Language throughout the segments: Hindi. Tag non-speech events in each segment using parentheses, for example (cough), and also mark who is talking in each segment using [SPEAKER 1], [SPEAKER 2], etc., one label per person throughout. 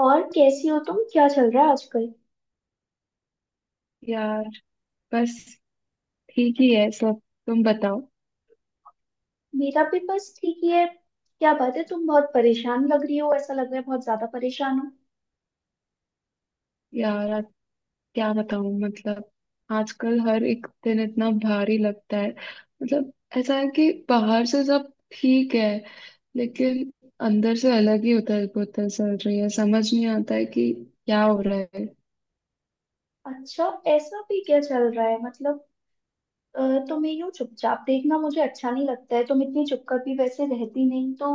[SPEAKER 1] और कैसी हो तुम? क्या चल रहा है आजकल?
[SPEAKER 2] यार। बस ठीक ही है सब। तुम बताओ।
[SPEAKER 1] मेरा भी बस ठीक ही है। क्या बात है? तुम बहुत परेशान लग रही हो, ऐसा लग रहा है बहुत ज्यादा परेशान हो।
[SPEAKER 2] यार आज क्या बताऊं मतलब आजकल हर एक दिन इतना भारी लगता है। मतलब ऐसा है कि बाहर से सब ठीक है, लेकिन अंदर से अलग ही उथल पुथल चल रही है, समझ नहीं आता है कि क्या हो रहा है।
[SPEAKER 1] अच्छा। ऐसा भी क्या चल रहा है? मतलब अ, तुम्हें यूं चुपचाप देखना मुझे अच्छा नहीं लगता है, तुम इतनी चुपकर भी वैसे रहती नहीं तो।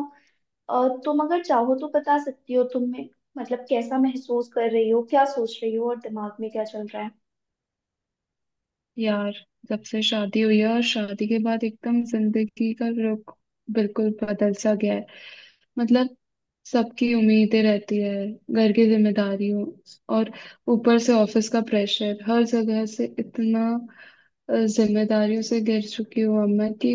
[SPEAKER 1] तुम अगर चाहो तो बता सकती हो, तुम में मतलब कैसा महसूस कर रही हो, क्या सोच रही हो, और दिमाग में क्या चल रहा है?
[SPEAKER 2] यार जब से शादी हुई है और शादी के बाद एकदम जिंदगी का रुख बिल्कुल बदल सा गया है। मतलब सबकी उम्मीदें रहती है, घर की जिम्मेदारियों और ऊपर से ऑफिस का प्रेशर, हर जगह से इतना जिम्मेदारियों से घिर चुकी हूँ अब मैं कि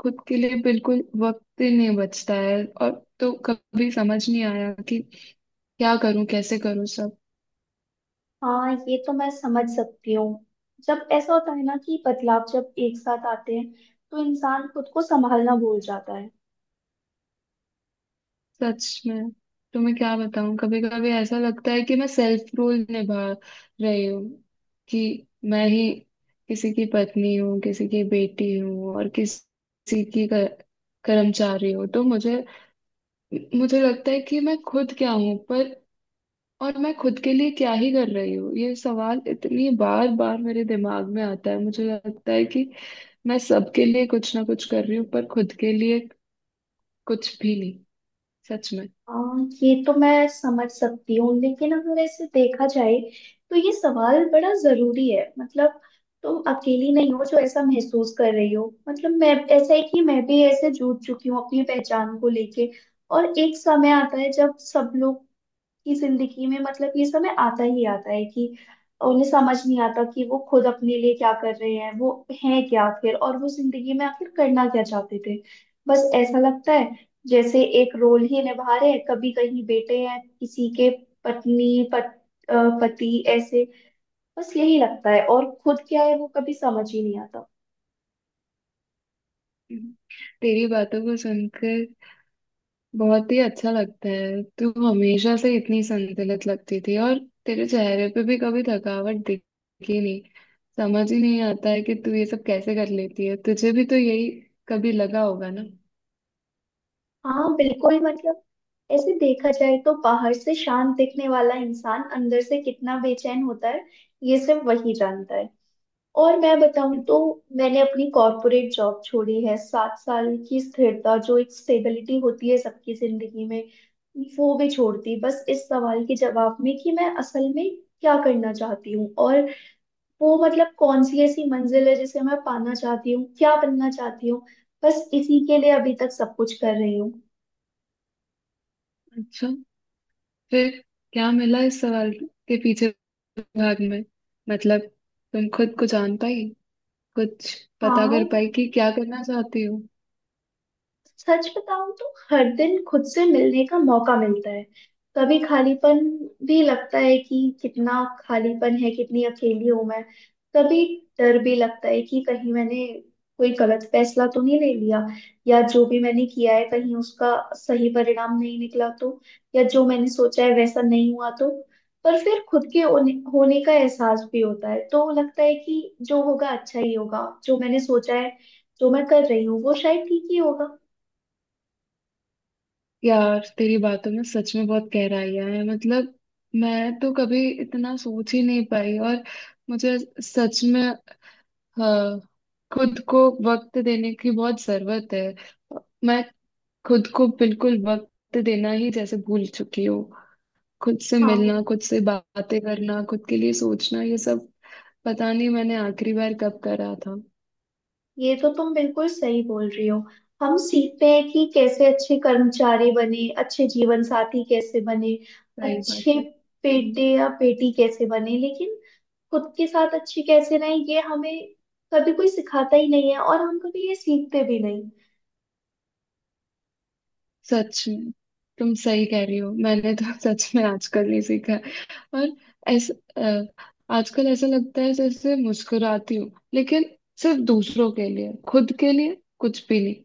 [SPEAKER 2] खुद के लिए बिल्कुल वक्त ही नहीं बचता है। और तो कभी समझ नहीं आया कि क्या करूं कैसे करूं सब।
[SPEAKER 1] हाँ, ये तो मैं समझ सकती हूँ। जब ऐसा होता है ना कि बदलाव जब एक साथ आते हैं तो इंसान खुद को संभालना भूल जाता है।
[SPEAKER 2] सच में। तो मैं क्या बताऊं, कभी कभी ऐसा लगता है कि मैं सेल्फ रोल निभा रही हूँ कि मैं ही किसी की पत्नी हूँ, किसी की बेटी हूँ और किसी की कर्मचारी हूँ। तो मुझे मुझे लगता है कि मैं खुद क्या हूँ, पर और मैं खुद के लिए क्या ही कर रही हूँ। ये सवाल इतनी बार बार मेरे दिमाग में आता है, मुझे लगता है कि मैं सबके लिए कुछ ना कुछ कर रही हूँ पर खुद के लिए कुछ भी नहीं। सच में।
[SPEAKER 1] हाँ, ये तो मैं समझ सकती हूँ, लेकिन अगर ऐसे देखा जाए तो ये सवाल बड़ा जरूरी है। मतलब तुम अकेली नहीं हो जो ऐसा महसूस कर रही हो। मतलब मैं, ऐसा है कि मैं भी ऐसे जूझ चुकी हूँ अपनी पहचान को लेके। और एक समय आता है जब सब लोग की जिंदगी में, मतलब ये समय आता ही आता है कि उन्हें समझ नहीं आता कि वो खुद अपने लिए क्या कर रहे हैं, वो हैं क्या आखिर, और वो जिंदगी में आखिर करना क्या चाहते थे। बस ऐसा लगता है जैसे एक रोल ही निभा रहे हैं। कभी कहीं बेटे हैं किसी के, पत्नी अ, पति, ऐसे। बस यही लगता है और खुद क्या है वो कभी समझ ही नहीं आता।
[SPEAKER 2] हम्म। तेरी बातों को सुनकर बहुत ही अच्छा लगता है। तू हमेशा से इतनी संतुलित लगती थी और तेरे चेहरे पे भी कभी थकावट दिखी नहीं। समझ ही नहीं आता है कि तू ये सब कैसे कर लेती है। तुझे भी तो यही कभी लगा होगा ना।
[SPEAKER 1] हाँ बिल्कुल। मतलब ऐसे देखा जाए तो बाहर से शांत दिखने वाला इंसान अंदर से कितना बेचैन होता है ये सिर्फ वही जानता है। और मैं बताऊं तो मैंने अपनी कॉर्पोरेट जॉब छोड़ी है, 7 साल की स्थिरता जो एक स्टेबिलिटी होती है सबकी जिंदगी में, वो भी छोड़ती बस इस सवाल के जवाब में कि मैं असल में क्या करना चाहती हूँ, और वो मतलब कौन सी ऐसी मंजिल है जिसे मैं पाना चाहती हूँ, क्या बनना चाहती हूँ। बस इसी के लिए अभी तक सब कुछ कर रही हूँ।
[SPEAKER 2] अच्छा। फिर क्या मिला इस सवाल के पीछे भाग में, मतलब तुम खुद को जान पाई, कुछ पता
[SPEAKER 1] हाँ,
[SPEAKER 2] कर पाई कि क्या करना चाहती हो।
[SPEAKER 1] सच बताऊं तो हर दिन खुद से मिलने का मौका मिलता है। कभी खालीपन भी लगता है कि कितना खालीपन है, कितनी अकेली हूं मैं। कभी डर भी लगता है कि कहीं मैंने कोई गलत फैसला तो नहीं ले लिया, या जो भी मैंने किया है कहीं उसका सही परिणाम नहीं निकला तो, या जो मैंने सोचा है वैसा नहीं हुआ तो। पर फिर खुद के होने होने का एहसास भी होता है, तो लगता है कि जो होगा अच्छा ही होगा, जो मैंने सोचा है, जो मैं कर रही हूँ वो शायद ठीक ही होगा।
[SPEAKER 2] यार, तेरी बातों में सच में बहुत गहराइयां हैं। मतलब मैं तो कभी इतना सोच ही नहीं पाई। और मुझे, सच में, हाँ, खुद को वक्त देने की बहुत जरूरत है। मैं खुद को बिल्कुल वक्त देना ही जैसे भूल चुकी हूँ। खुद से
[SPEAKER 1] हाँ
[SPEAKER 2] मिलना, खुद से बातें करना, खुद के लिए सोचना, ये सब पता नहीं मैंने आखिरी बार कब करा था।
[SPEAKER 1] ये तो तुम बिल्कुल सही बोल रही हो। हम सीखते हैं कि कैसे अच्छे कर्मचारी बने, अच्छे जीवन साथी कैसे बने,
[SPEAKER 2] सही बात
[SPEAKER 1] अच्छे
[SPEAKER 2] है। हम्म।
[SPEAKER 1] बेटे या बेटी कैसे बने, लेकिन खुद के साथ अच्छे कैसे रहें ये हमें कभी कोई सिखाता ही नहीं है, और हम कभी ये सीखते भी नहीं।
[SPEAKER 2] सच में तुम सही कह रही हो। मैंने तो (laughs) सच में आजकल नहीं सीखा है। और ऐसा अ, आजकल ऐसा लगता है जैसे मुस्कुराती हूँ, लेकिन सिर्फ दूसरों के लिए, खुद के लिए कुछ भी नहीं।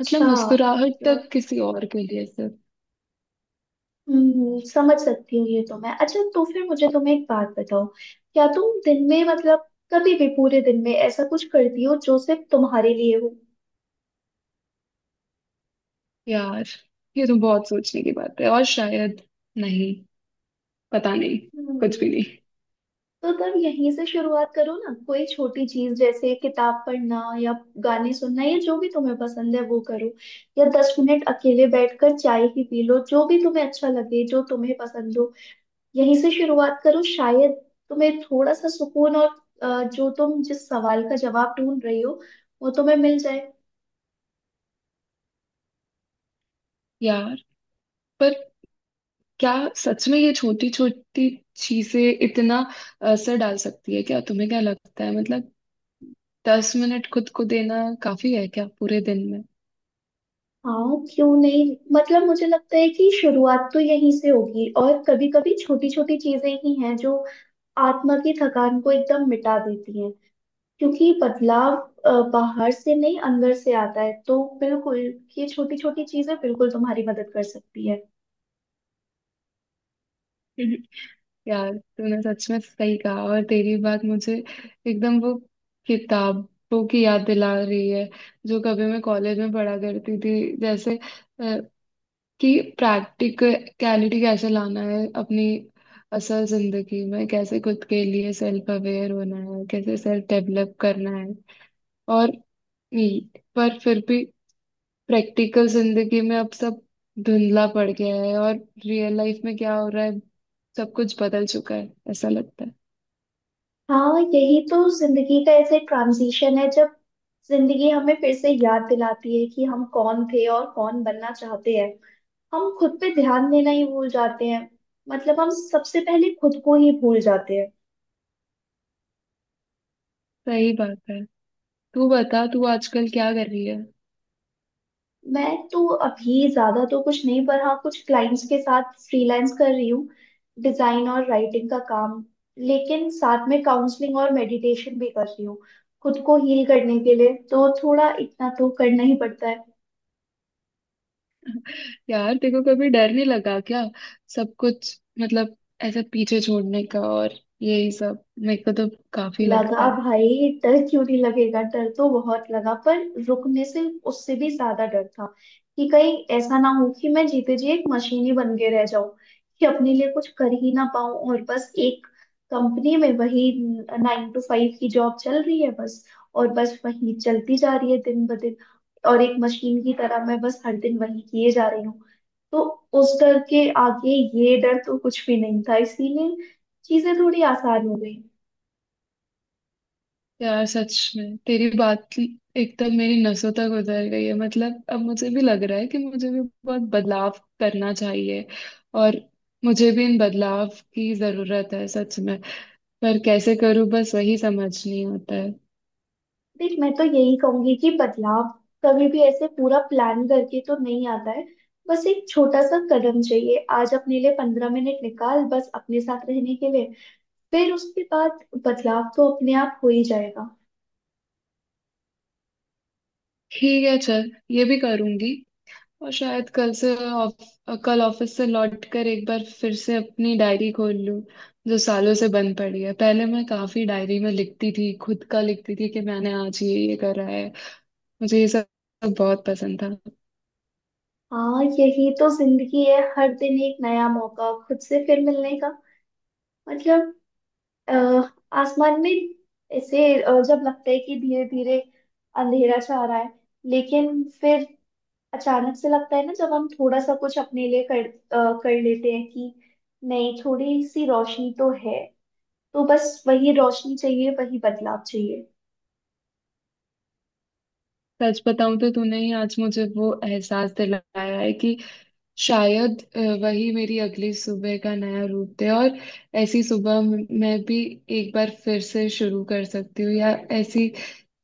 [SPEAKER 2] मतलब मुस्कुराहट
[SPEAKER 1] मतलब
[SPEAKER 2] तक किसी और के लिए सिर्फ।
[SPEAKER 1] समझ सकती हूँ ये तो मैं। अच्छा तो फिर मुझे तुम्हें एक बात बताओ, क्या तुम दिन में, मतलब कभी भी पूरे दिन में ऐसा कुछ करती हो जो सिर्फ तुम्हारे लिए हो?
[SPEAKER 2] यार, ये तो बहुत सोचने की बात है और शायद नहीं, पता नहीं,
[SPEAKER 1] हम्म।
[SPEAKER 2] कुछ भी नहीं।
[SPEAKER 1] तो तब यहीं से शुरुआत करो ना, कोई छोटी चीज जैसे किताब पढ़ना या गाने सुनना या जो भी तुम्हें पसंद है वो करो, या 10 मिनट अकेले बैठकर चाय ही पी लो, जो भी तुम्हें अच्छा लगे, जो तुम्हें पसंद हो। यहीं से शुरुआत करो, शायद तुम्हें थोड़ा सा सुकून और जो तुम जिस सवाल का जवाब ढूंढ रही हो वो तुम्हें मिल जाए।
[SPEAKER 2] यार, पर क्या सच में ये छोटी छोटी चीजें इतना असर डाल सकती है क्या? तुम्हें क्या लगता है, मतलब 10 मिनट खुद को देना काफी है क्या पूरे दिन में?
[SPEAKER 1] हाँ, क्यों नहीं। मतलब मुझे लगता है कि शुरुआत तो यहीं से होगी, और कभी कभी छोटी छोटी चीजें ही हैं जो आत्मा की थकान को एकदम मिटा देती हैं। क्योंकि बदलाव बाहर से नहीं, अंदर से आता है, तो बिल्कुल ये छोटी छोटी चीजें बिल्कुल तुम्हारी मदद कर सकती है।
[SPEAKER 2] (laughs) यार तूने सच में सही कहा और तेरी बात मुझे एकदम वो किताबों की याद दिला रही है जो कभी मैं कॉलेज में पढ़ा करती थी। जैसे अ, कि प्रैक्टिकलिटी कैसे लाना है अपनी असल जिंदगी में, कैसे खुद के लिए सेल्फ अवेयर होना है, कैसे सेल्फ डेवलप करना है। और पर फिर भी प्रैक्टिकल जिंदगी में अब सब धुंधला पड़ गया है और रियल लाइफ में क्या हो रहा है, सब कुछ बदल चुका है ऐसा लगता है।
[SPEAKER 1] हाँ यही तो जिंदगी का ऐसे ट्रांजिशन है, जब जिंदगी हमें फिर से याद दिलाती है कि हम कौन थे और कौन बनना चाहते हैं। हम खुद पे ध्यान देना ही भूल जाते हैं। मतलब हम सबसे पहले खुद को ही भूल जाते हैं।
[SPEAKER 2] सही बात है। तू बता, तू आजकल क्या कर रही है?
[SPEAKER 1] मैं तो अभी ज्यादा तो कुछ नहीं, पर हाँ, कुछ क्लाइंट्स के साथ फ्रीलांस कर रही हूँ, डिजाइन और राइटिंग का काम। लेकिन साथ में काउंसलिंग और मेडिटेशन भी कर रही हूँ खुद को हील करने के लिए, तो थोड़ा इतना तो करना ही पड़ता है।
[SPEAKER 2] (laughs) यार तेरे को कभी डर नहीं लगा क्या सब कुछ मतलब ऐसे पीछे छोड़ने का? और यही सब मेरे को तो काफी लगता
[SPEAKER 1] लगा
[SPEAKER 2] है।
[SPEAKER 1] भाई, डर क्यों नहीं लगेगा, डर तो बहुत लगा, पर रुकने से उससे भी ज्यादा डर था कि कहीं ऐसा ना हो कि मैं जीते जी एक मशीन ही बन के रह जाऊं, कि अपने लिए कुछ कर ही ना पाऊं और बस एक कंपनी में वही 9 to 5 की जॉब चल रही है बस, और बस वही चलती जा रही है दिन ब दिन, और एक मशीन की तरह मैं बस हर दिन वही किए जा रही हूँ। तो उस डर के आगे ये डर तो कुछ भी नहीं था, इसीलिए चीजें थोड़ी आसान हो गई।
[SPEAKER 2] यार सच में तेरी एकदम मेरी नसों तक उतर गई है। मतलब अब मुझे भी लग रहा है कि मुझे भी बहुत बदलाव करना चाहिए। और मुझे भी इन बदलाव की जरूरत है सच में। पर कैसे करूं बस वही समझ नहीं आता है।
[SPEAKER 1] देख, मैं तो यही कहूंगी कि बदलाव कभी भी ऐसे पूरा प्लान करके तो नहीं आता है। बस एक छोटा सा कदम चाहिए। आज अपने लिए 15 मिनट निकाल बस अपने साथ रहने के लिए, फिर उसके बाद बदलाव तो अपने आप हो ही जाएगा।
[SPEAKER 2] ठीक है, चल ये भी करूंगी। और शायद कल से कल ऑफिस से लौट कर एक बार फिर से अपनी डायरी खोल लूं जो सालों से बंद पड़ी है। पहले मैं काफी डायरी में लिखती थी, खुद का लिखती थी कि मैंने आज ये करा है। मुझे ये सब सब बहुत पसंद था।
[SPEAKER 1] हाँ यही तो जिंदगी है, हर दिन एक नया मौका खुद से फिर मिलने का। मतलब अ, आसमान में ऐसे जब लगता है कि धीरे धीरे अंधेरा छा रहा है, लेकिन फिर अचानक से लगता है ना जब हम थोड़ा सा कुछ अपने लिए कर लेते हैं कि नहीं, थोड़ी सी रोशनी तो है, तो बस वही रोशनी चाहिए, वही बदलाव चाहिए।
[SPEAKER 2] सच बताऊं तो तूने ही आज मुझे वो एहसास दिलाया है कि शायद वही मेरी अगली सुबह का नया रूप है। और ऐसी सुबह मैं भी एक बार फिर से शुरू कर सकती हूँ, या ऐसी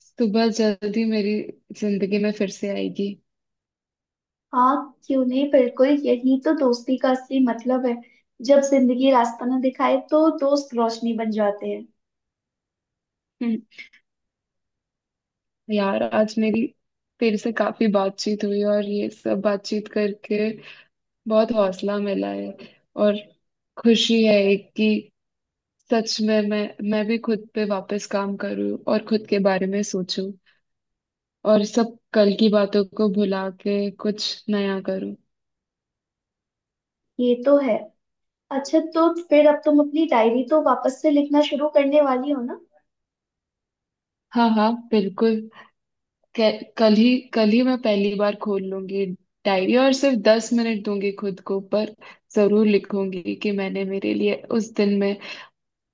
[SPEAKER 2] सुबह जल्दी मेरी जिंदगी में फिर से आएगी।
[SPEAKER 1] हाँ क्यों नहीं, बिल्कुल यही तो दोस्ती का असली मतलब है। जब जिंदगी रास्ता ना दिखाए तो दोस्त रोशनी बन जाते हैं।
[SPEAKER 2] हम्म, यार आज मेरी तेरे से काफी बातचीत हुई और ये सब बातचीत करके बहुत हौसला मिला है। और खुशी है एक कि सच में मैं भी खुद पे वापस काम करूं और खुद के बारे में सोचूं और सब कल की बातों को भुला के कुछ नया करूं।
[SPEAKER 1] ये तो है। अच्छा तो फिर अब तुम अपनी डायरी तो वापस से लिखना शुरू करने वाली हो ना?
[SPEAKER 2] हाँ हाँ बिल्कुल। कल ही मैं पहली बार खोल लूंगी डायरी और सिर्फ 10 मिनट दूंगी खुद को। पर जरूर लिखूंगी कि मैंने मेरे लिए उस दिन में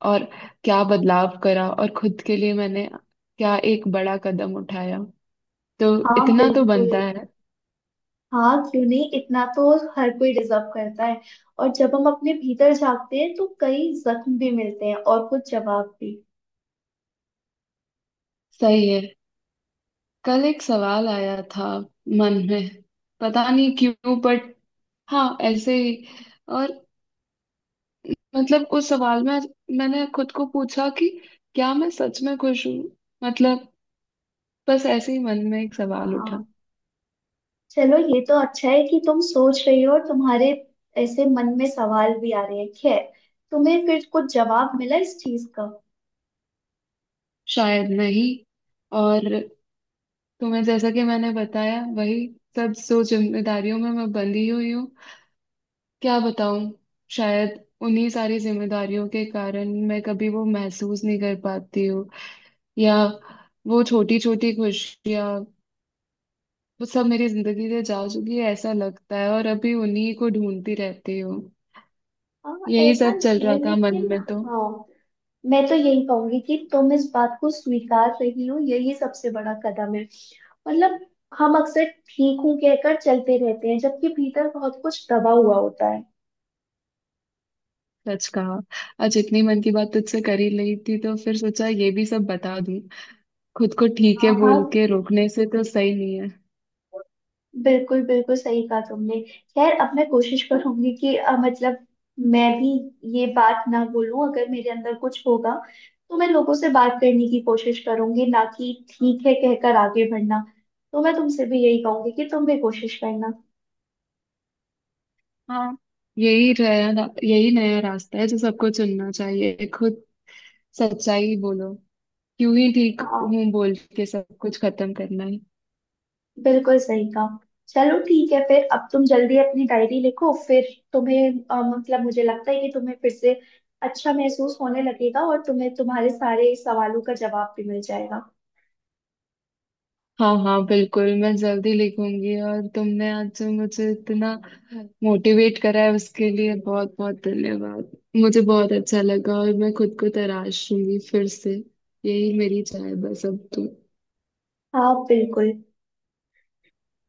[SPEAKER 2] और क्या बदलाव करा और खुद के लिए मैंने क्या एक बड़ा कदम उठाया। तो
[SPEAKER 1] हाँ
[SPEAKER 2] इतना तो
[SPEAKER 1] बिल्कुल।
[SPEAKER 2] बनता है।
[SPEAKER 1] हाँ क्यों नहीं, इतना तो हर कोई डिजर्व करता है। और जब हम अपने भीतर झांकते हैं तो कई जख्म भी मिलते हैं और कुछ जवाब भी।
[SPEAKER 2] सही है। कल एक सवाल आया था मन में, पता नहीं क्यों, बट हाँ ऐसे ही। और मतलब उस सवाल में मैंने खुद को पूछा कि क्या मैं सच में खुश हूँ। मतलब बस ऐसे ही मन में एक सवाल उठा।
[SPEAKER 1] हाँ चलो ये तो अच्छा है कि तुम सोच रही हो, और तुम्हारे ऐसे मन में सवाल भी आ रहे हैं। खैर, तुम्हें फिर कुछ जवाब मिला इस चीज का?
[SPEAKER 2] शायद नहीं। और तुम्हें जैसा कि मैंने बताया, वही सब जो जिम्मेदारियों में मैं बंधी हुई हूँ, क्या बताऊँ, शायद उन्हीं सारी जिम्मेदारियों के कारण मैं कभी वो महसूस नहीं कर पाती हूँ। या वो छोटी छोटी खुशियाँ, वो सब मेरी जिंदगी से जा चुकी है ऐसा लगता है और अभी उन्हीं को ढूंढती रहती हूँ।
[SPEAKER 1] हाँ
[SPEAKER 2] यही
[SPEAKER 1] ऐसा
[SPEAKER 2] सब चल
[SPEAKER 1] नहीं
[SPEAKER 2] रहा
[SPEAKER 1] है
[SPEAKER 2] था मन
[SPEAKER 1] लेकिन।
[SPEAKER 2] में तो।
[SPEAKER 1] हाँ, मैं तो यही कहूंगी कि तुम इस बात को स्वीकार रही हो, यही सबसे बड़ा कदम है। मतलब हम अक्सर ठीक हूँ कहकर चलते रहते हैं, जबकि भीतर बहुत कुछ दबा हुआ होता है।
[SPEAKER 2] सच कहा। आज इतनी मन की बात तुझसे कर ही ली थी तो फिर सोचा ये भी सब बता दूं। खुद को ठीक
[SPEAKER 1] हाँ
[SPEAKER 2] है
[SPEAKER 1] हाँ,
[SPEAKER 2] बोल के रोकने से तो सही नहीं है।
[SPEAKER 1] बिल्कुल बिल्कुल सही कहा तुमने। खैर अब मैं कोशिश करूंगी कि मतलब मैं भी ये बात ना बोलूं, अगर मेरे अंदर कुछ होगा तो मैं लोगों से बात करने की कोशिश करूंगी, ना कि ठीक है कहकर आगे बढ़ना। तो मैं तुमसे भी यही कहूंगी कि तुम भी कोशिश करना।
[SPEAKER 2] हाँ, यही रहा, यही नया रास्ता है जो सबको चुनना चाहिए। खुद सच्चाई बोलो। क्यों ही ठीक
[SPEAKER 1] हाँ
[SPEAKER 2] हूँ बोल के सब कुछ खत्म करना है।
[SPEAKER 1] बिल्कुल सही कहा। चलो ठीक है, फिर अब तुम जल्दी अपनी डायरी लिखो। फिर तुम्हें मतलब मुझे लगता है कि तुम्हें फिर से अच्छा महसूस होने लगेगा और तुम्हें तुम्हारे सारे सवालों का जवाब भी मिल जाएगा।
[SPEAKER 2] हाँ हाँ बिल्कुल। मैं जल्दी लिखूंगी। और तुमने आज जो मुझे इतना मोटिवेट करा है उसके लिए बहुत बहुत धन्यवाद, मुझे बहुत अच्छा लगा। और मैं खुद को तराशूंगी फिर से। यही मेरी चाह है बस अब तो।
[SPEAKER 1] हाँ बिल्कुल।